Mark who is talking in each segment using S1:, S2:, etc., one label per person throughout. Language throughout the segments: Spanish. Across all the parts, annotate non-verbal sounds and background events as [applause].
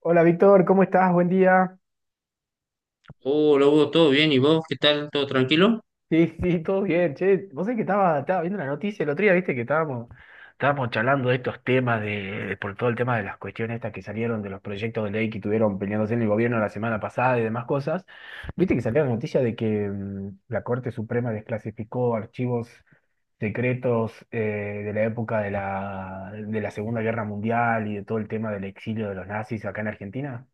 S1: Hola Víctor, ¿cómo estás? Buen día.
S2: Hola Hugo, ¿todo bien? ¿Y vos qué tal? ¿Todo tranquilo?
S1: Sí, [laughs] sí, todo bien. Che, vos sabés que estaba viendo la noticia el otro día, viste que estábamos charlando de estos temas de, por todo el tema de las cuestiones estas que salieron de los proyectos de ley que tuvieron peleándose en el gobierno la semana pasada y demás cosas. Viste que salió la noticia de que la Corte Suprema desclasificó archivos secretos de la época de la Segunda Guerra Mundial y de todo el tema del exilio de los nazis acá en Argentina.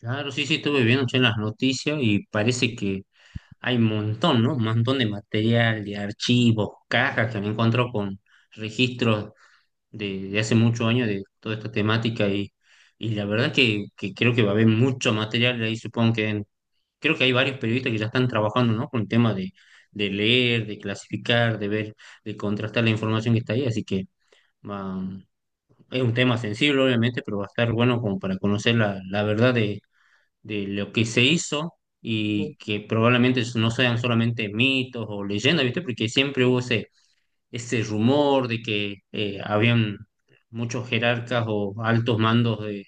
S2: Claro, sí, sí, estuve viendo che, las noticias y parece que hay un montón, ¿no? Un montón de material, de archivos, cajas que me encuentro con registros de hace muchos años de toda esta temática y la verdad que creo que va a haber mucho material ahí, supongo que creo que hay varios periodistas que ya están trabajando, ¿no? Con el tema de leer, de clasificar, de ver, de contrastar la información que está ahí, así que... Es un tema sensible, obviamente, pero va a estar bueno como para conocer la, la verdad de lo que se hizo y
S1: [laughs]
S2: que probablemente no sean solamente mitos o leyendas, ¿viste? Porque siempre hubo ese, ese rumor de que habían muchos jerarcas o altos mandos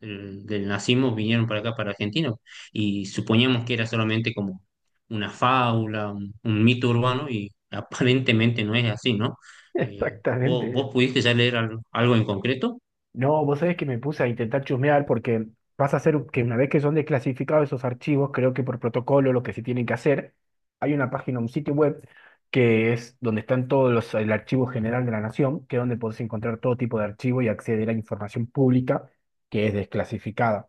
S2: del, del nazismo vinieron para acá, para Argentina, y suponíamos que era solamente como una fábula, un mito urbano, y aparentemente no es así, ¿no? Eh, ¿vos,
S1: Exactamente.
S2: vos pudiste ya leer algo algo en concreto?
S1: No, vos sabés que me puse a intentar chusmear porque vas a hacer que una vez que son desclasificados esos archivos, creo que por protocolo lo que se tienen que hacer, hay una página, un sitio web que es donde están todos los, el archivo general de la nación, que es donde podés encontrar todo tipo de archivo y acceder a información pública que es desclasificada.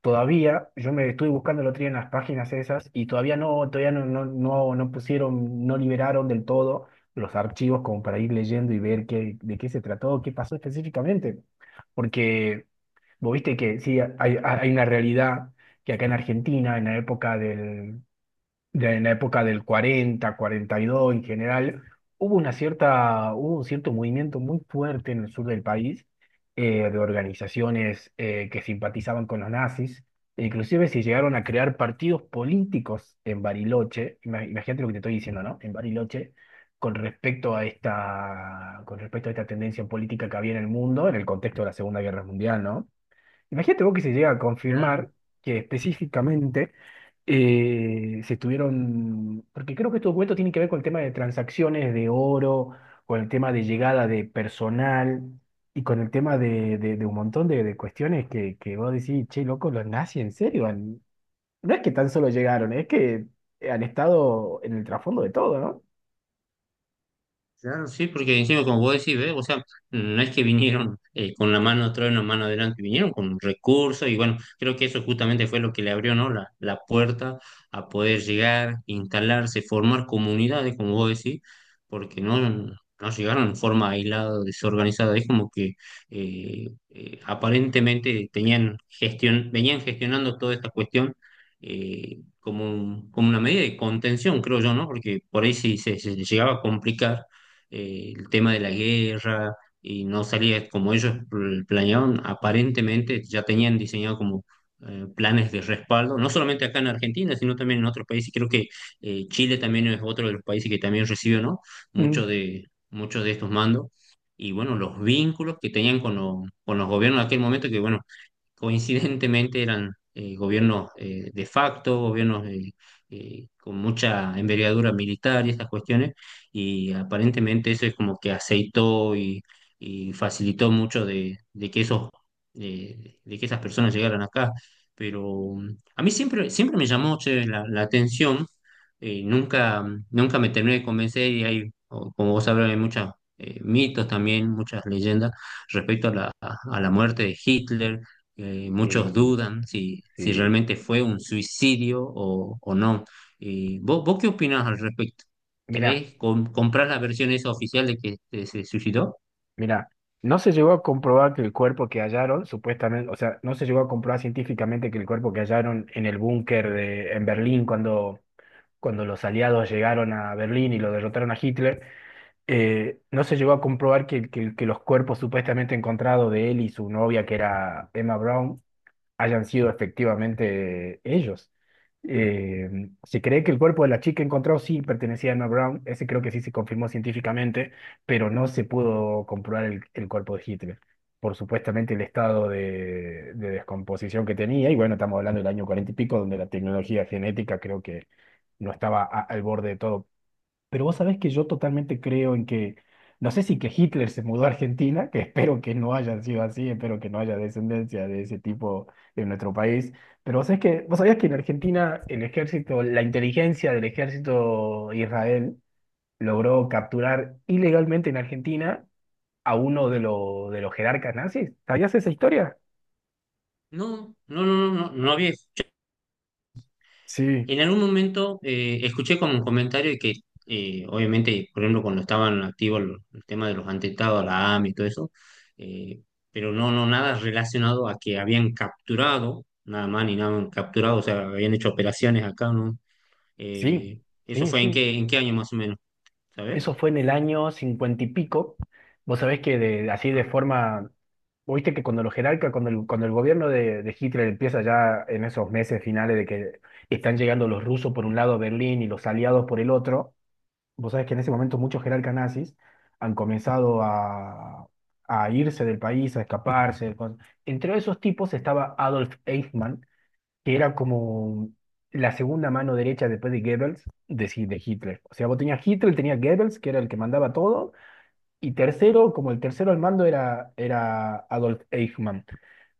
S1: Todavía, yo me estuve buscando el otro día en las páginas esas y todavía no pusieron, no liberaron del todo los archivos como para ir leyendo y ver qué, de qué se trató, qué pasó específicamente. Porque vos viste que sí, hay una realidad que acá en Argentina, en la época del 40, 42 en general, hubo un cierto movimiento muy fuerte en el sur del país de organizaciones que simpatizaban con los nazis. E Inclusive se llegaron a crear partidos políticos en Bariloche, imagínate lo que te estoy diciendo, ¿no? En Bariloche, con respecto a esta tendencia política que había en el mundo, en el contexto de la Segunda Guerra Mundial, ¿no? Imagínate vos que se llega a confirmar que específicamente se estuvieron, porque creo que estos documentos tienen que ver con el tema de transacciones de oro, con el tema de llegada de personal y con el tema de un montón de cuestiones que vos decís, che, loco, los nazis en serio. No es que tan solo llegaron, es que han estado en el trasfondo de todo, ¿no?
S2: Claro, sí, porque encima, como vos decís, ¿ves? O sea, no es que vinieron con la mano atrás y la mano adelante, vinieron con recursos y bueno, creo que eso justamente fue lo que le abrió, ¿no? La puerta a poder llegar, instalarse, formar comunidades, como vos decís, porque no, no llegaron en forma aislada, desorganizada, es como que aparentemente tenían gestión, venían gestionando toda esta cuestión. Como, como una medida de contención, creo yo, ¿no? Porque por ahí sí se llegaba a complicar el tema de la guerra, y no salía como ellos planeaban, aparentemente ya tenían diseñado como planes de respaldo, no solamente acá en Argentina, sino también en otros países. Creo que Chile también es otro de los países que también recibe, ¿no? Muchos
S1: Mm.
S2: de, muchos de estos mandos. Y bueno, los vínculos que tenían con los gobiernos en aquel momento, que bueno, coincidentemente eran gobiernos de facto, gobiernos con mucha envergadura militar y estas cuestiones, y aparentemente eso es como que aceitó y facilitó mucho de que esos, de que esas personas llegaran acá. Pero mm, a mí siempre, siempre me llamó che, la atención, nunca, nunca me terminé de convencer y hay, como vos sabrás, hay muchos mitos también, muchas leyendas respecto a la muerte de Hitler. Muchos
S1: Sí,
S2: dudan si, si
S1: sí.
S2: realmente fue un suicidio o no. ¿Vos qué opinás al respecto? ¿Crees, comprás la versión esa oficial de que se suicidó?
S1: Mira, no se llegó a comprobar que el cuerpo que hallaron, supuestamente, o sea, no se llegó a comprobar científicamente que el cuerpo que hallaron en el búnker en Berlín cuando los aliados llegaron a Berlín y lo derrotaron a Hitler, no se llegó a comprobar que los cuerpos supuestamente encontrados de él y su novia, que era Emma Brown, hayan sido efectivamente ellos. Eh, Se cree que el cuerpo de la chica encontrado sí pertenecía a Emma Brown, ese creo que sí se confirmó científicamente, pero no se pudo comprobar el cuerpo de Hitler por supuestamente el estado de descomposición que tenía, y bueno, estamos hablando del año cuarenta y pico, donde la tecnología genética creo que no estaba al borde de todo, pero vos sabés que yo totalmente creo en que, no sé si que Hitler se mudó a Argentina, que [laughs] espero que no haya sido así, espero que no haya descendencia de ese tipo en nuestro país, pero vos sabés que, vos sabías que en Argentina el ejército, la inteligencia del ejército Israel logró capturar ilegalmente en Argentina a uno de los jerarcas nazis. ¿Sabías esa historia?
S2: No, no, no, no, no, no había.
S1: Sí,
S2: En algún momento escuché como un comentario de que, obviamente, por ejemplo, cuando estaban activos el tema de los atentados, la AMI y todo eso, eh, pero no, no, nada relacionado a que habían capturado, nada más ni nada, capturado, o sea, habían hecho operaciones acá, ¿no?
S1: sí,
S2: ¿Eso
S1: sí,
S2: fue
S1: sí.
S2: en qué año más o menos? ¿Sabes?
S1: Eso fue en el año cincuenta y pico. Vos sabés que así de
S2: Ah,
S1: forma, viste que cuando los jerarcas, cuando cuando el gobierno de Hitler empieza ya en esos meses finales de que están llegando los rusos por un lado a Berlín y los aliados por el otro, vos sabés que en ese momento muchos jerarcas nazis han comenzado a irse del país, a escaparse. Entre esos tipos estaba Adolf Eichmann, que era como la segunda mano derecha después de Goebbels, sí, de Hitler. O sea, vos tenías Hitler, tenías Goebbels, que era el que mandaba todo, y tercero, como el tercero al mando era Adolf Eichmann.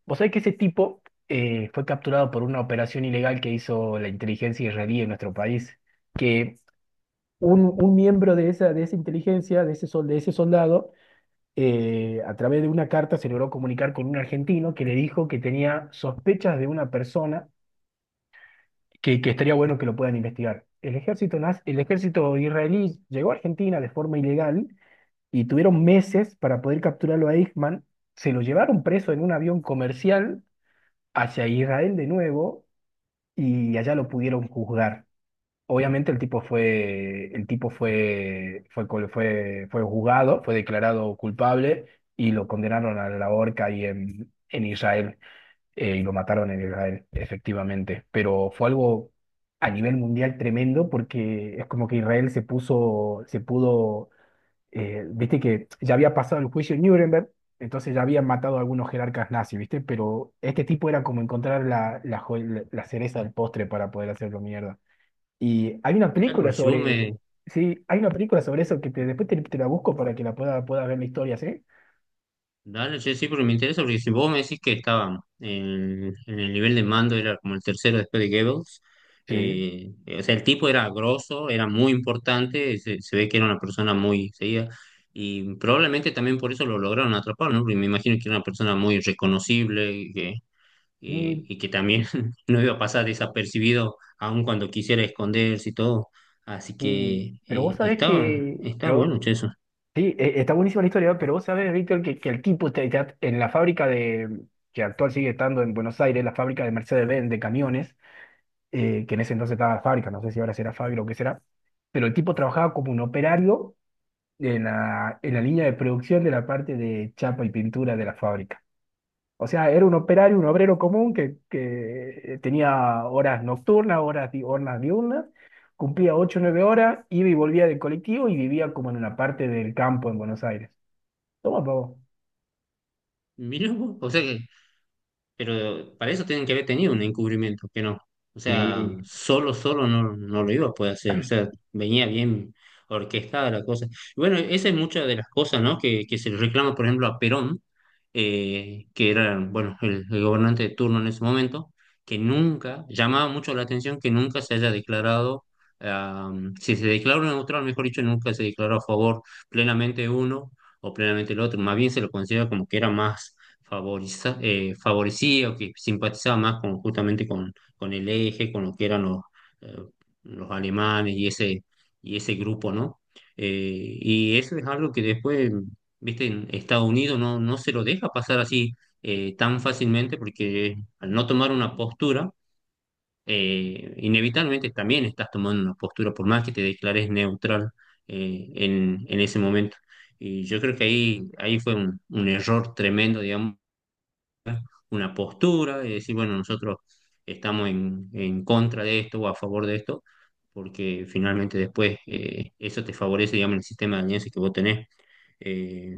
S1: Vos sabés que ese tipo fue capturado por una operación ilegal que hizo la inteligencia israelí en nuestro país, que un miembro de esa inteligencia, de ese soldado, a través de una carta se logró comunicar con un argentino que le dijo que tenía sospechas de una persona que estaría bueno que lo puedan investigar. El ejército, el ejército israelí llegó a Argentina de forma ilegal y tuvieron meses para poder capturarlo a Eichmann. Se lo llevaron preso en un avión comercial hacia Israel de nuevo y allá lo pudieron juzgar. Obviamente el tipo fue, fue, col- fue juzgado, fue declarado culpable y lo condenaron a la horca ahí en Israel y lo mataron en Israel, efectivamente. Pero fue algo a nivel mundial tremendo porque es como que se pudo, viste que ya había pasado el juicio en Nuremberg, entonces ya habían matado a algunos jerarcas nazis, viste, pero este tipo era como encontrar la cereza del postre para poder hacerlo mierda. Y hay una
S2: claro,
S1: película
S2: porque si vos
S1: sobre...
S2: me...
S1: Sí, hay una película sobre eso que después te la busco para que pueda ver la historia, ¿sí?
S2: Dale, che, sí, porque me interesa, porque si vos me decís que estaba en el nivel de mando, era como el tercero después de Goebbels,
S1: Sí.
S2: o sea, el tipo era grosso, era muy importante, se ve que era una persona muy seguida, y probablemente también por eso lo lograron atrapar, ¿no? Porque me imagino que era una persona muy reconocible,
S1: Sí,
S2: y que también [laughs] no iba a pasar desapercibido aun cuando quisiera esconderse y todo. Así
S1: sí.
S2: que
S1: Pero vos sabés
S2: estaban,
S1: que,
S2: estaban
S1: pero
S2: buenos che, eso.
S1: sí, está buenísima la historia, ¿no? Pero vos sabés, Víctor, que el tipo en la fábrica que actual sigue estando en Buenos Aires, la fábrica de Mercedes-Benz de camiones, que en ese entonces estaba fábrica, no sé si ahora será fábrica o qué será, pero el tipo trabajaba como un operario en la línea de producción de la parte de chapa y pintura de la fábrica. O sea, era un operario, un obrero común que tenía horas nocturnas, horas diurnas, cumplía 8 o 9 horas, iba y volvía del colectivo y vivía como en una parte del campo en Buenos Aires. Toma, pavo.
S2: Mirá vos, o sea que pero para eso tienen que haber tenido un encubrimiento, que no. O sea,
S1: Sí,
S2: solo, solo no, no lo iba a poder hacer. O sea, venía bien orquestada la cosa. Y bueno, esa es muchas de las cosas, ¿no? Que se le reclama, por ejemplo, a Perón, que era, bueno, el gobernante de turno en ese momento, que nunca, llamaba mucho la atención que nunca se haya declarado, ah, si se declaró neutral, mejor dicho, nunca se declaró a favor plenamente de uno o plenamente el otro. Más bien se lo considera como que era más favorecía o que simpatizaba más con, justamente con el eje, con lo que eran eh, los alemanes y ese grupo, ¿no? Y eso es algo que después, viste, en Estados Unidos no, no se lo deja pasar así tan fácilmente porque al no tomar una postura, inevitablemente también estás tomando una postura, por más que te declares neutral en ese momento. Y yo creo que ahí, ahí fue un error tremendo, digamos una postura y decir, bueno, nosotros estamos en contra de esto o a favor de esto, porque finalmente después eso te favorece, digamos, el sistema de alianza que vos tenés. Eh,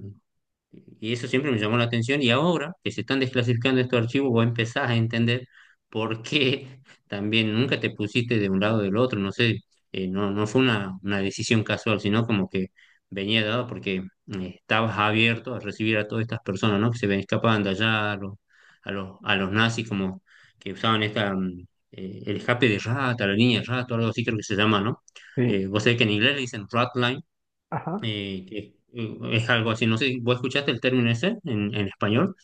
S2: y eso siempre me llamó la atención y ahora que se están desclasificando estos archivos, vos empezás a entender por qué [laughs] también nunca te pusiste de un lado o del otro, no sé, no, no fue una decisión casual, sino como que venía dado porque estabas abierto a recibir a todas estas personas, ¿no? Que se ven escapando allá, a los, a los, a los nazis como que usaban esta, el escape de rata, la línea de rata, algo así creo que se llama, ¿no?
S1: sí.
S2: Vos sabés que en inglés le dicen rat line,
S1: Ajá.
S2: que es algo así, no sé, si ¿vos escuchaste el término ese en español?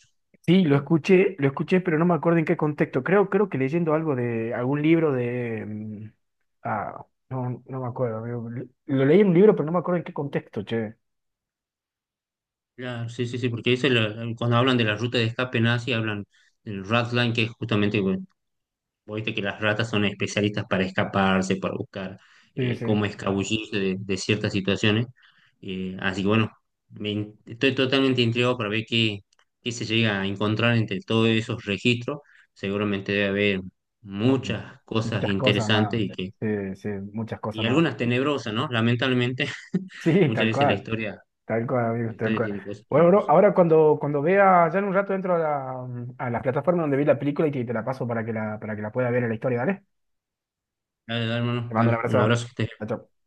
S1: Sí, lo escuché, pero no me acuerdo en qué contexto. Creo que leyendo algo de algún libro de... ah, no, no me acuerdo, amigo. Lo leí en un libro, pero no me acuerdo en qué contexto, che.
S2: Claro, sí, sí, sí, porque dice cuando hablan de la ruta de escape nazi, hablan del Ratline, que es justamente, bueno, vos viste que las ratas son especialistas para escaparse, para buscar
S1: Sí, sí.
S2: cómo escabullirse de ciertas situaciones. Así que bueno, estoy totalmente intrigado para ver qué, qué se llega a encontrar entre todos esos registros. Seguramente debe haber
S1: Ay,
S2: muchas cosas
S1: muchas cosas
S2: interesantes
S1: más.
S2: y que
S1: Sí, sí, muchas cosas
S2: y
S1: más.
S2: algunas tenebrosas, ¿no? Lamentablemente,
S1: Sí,
S2: muchas veces
S1: tal cual, amigo,
S2: la
S1: tal
S2: historia
S1: cual.
S2: tiene cosas que
S1: Bueno,
S2: no.
S1: bro, ahora cuando vea, ya en un rato entro a la plataforma donde vi la película y te la paso para que la pueda ver en la historia, ¿vale?
S2: Dale, dale,
S1: Te
S2: hermano,
S1: mando un
S2: dale.
S1: abrazo.
S2: Un abrazo que estés
S1: Chao,
S2: bien.
S1: chao.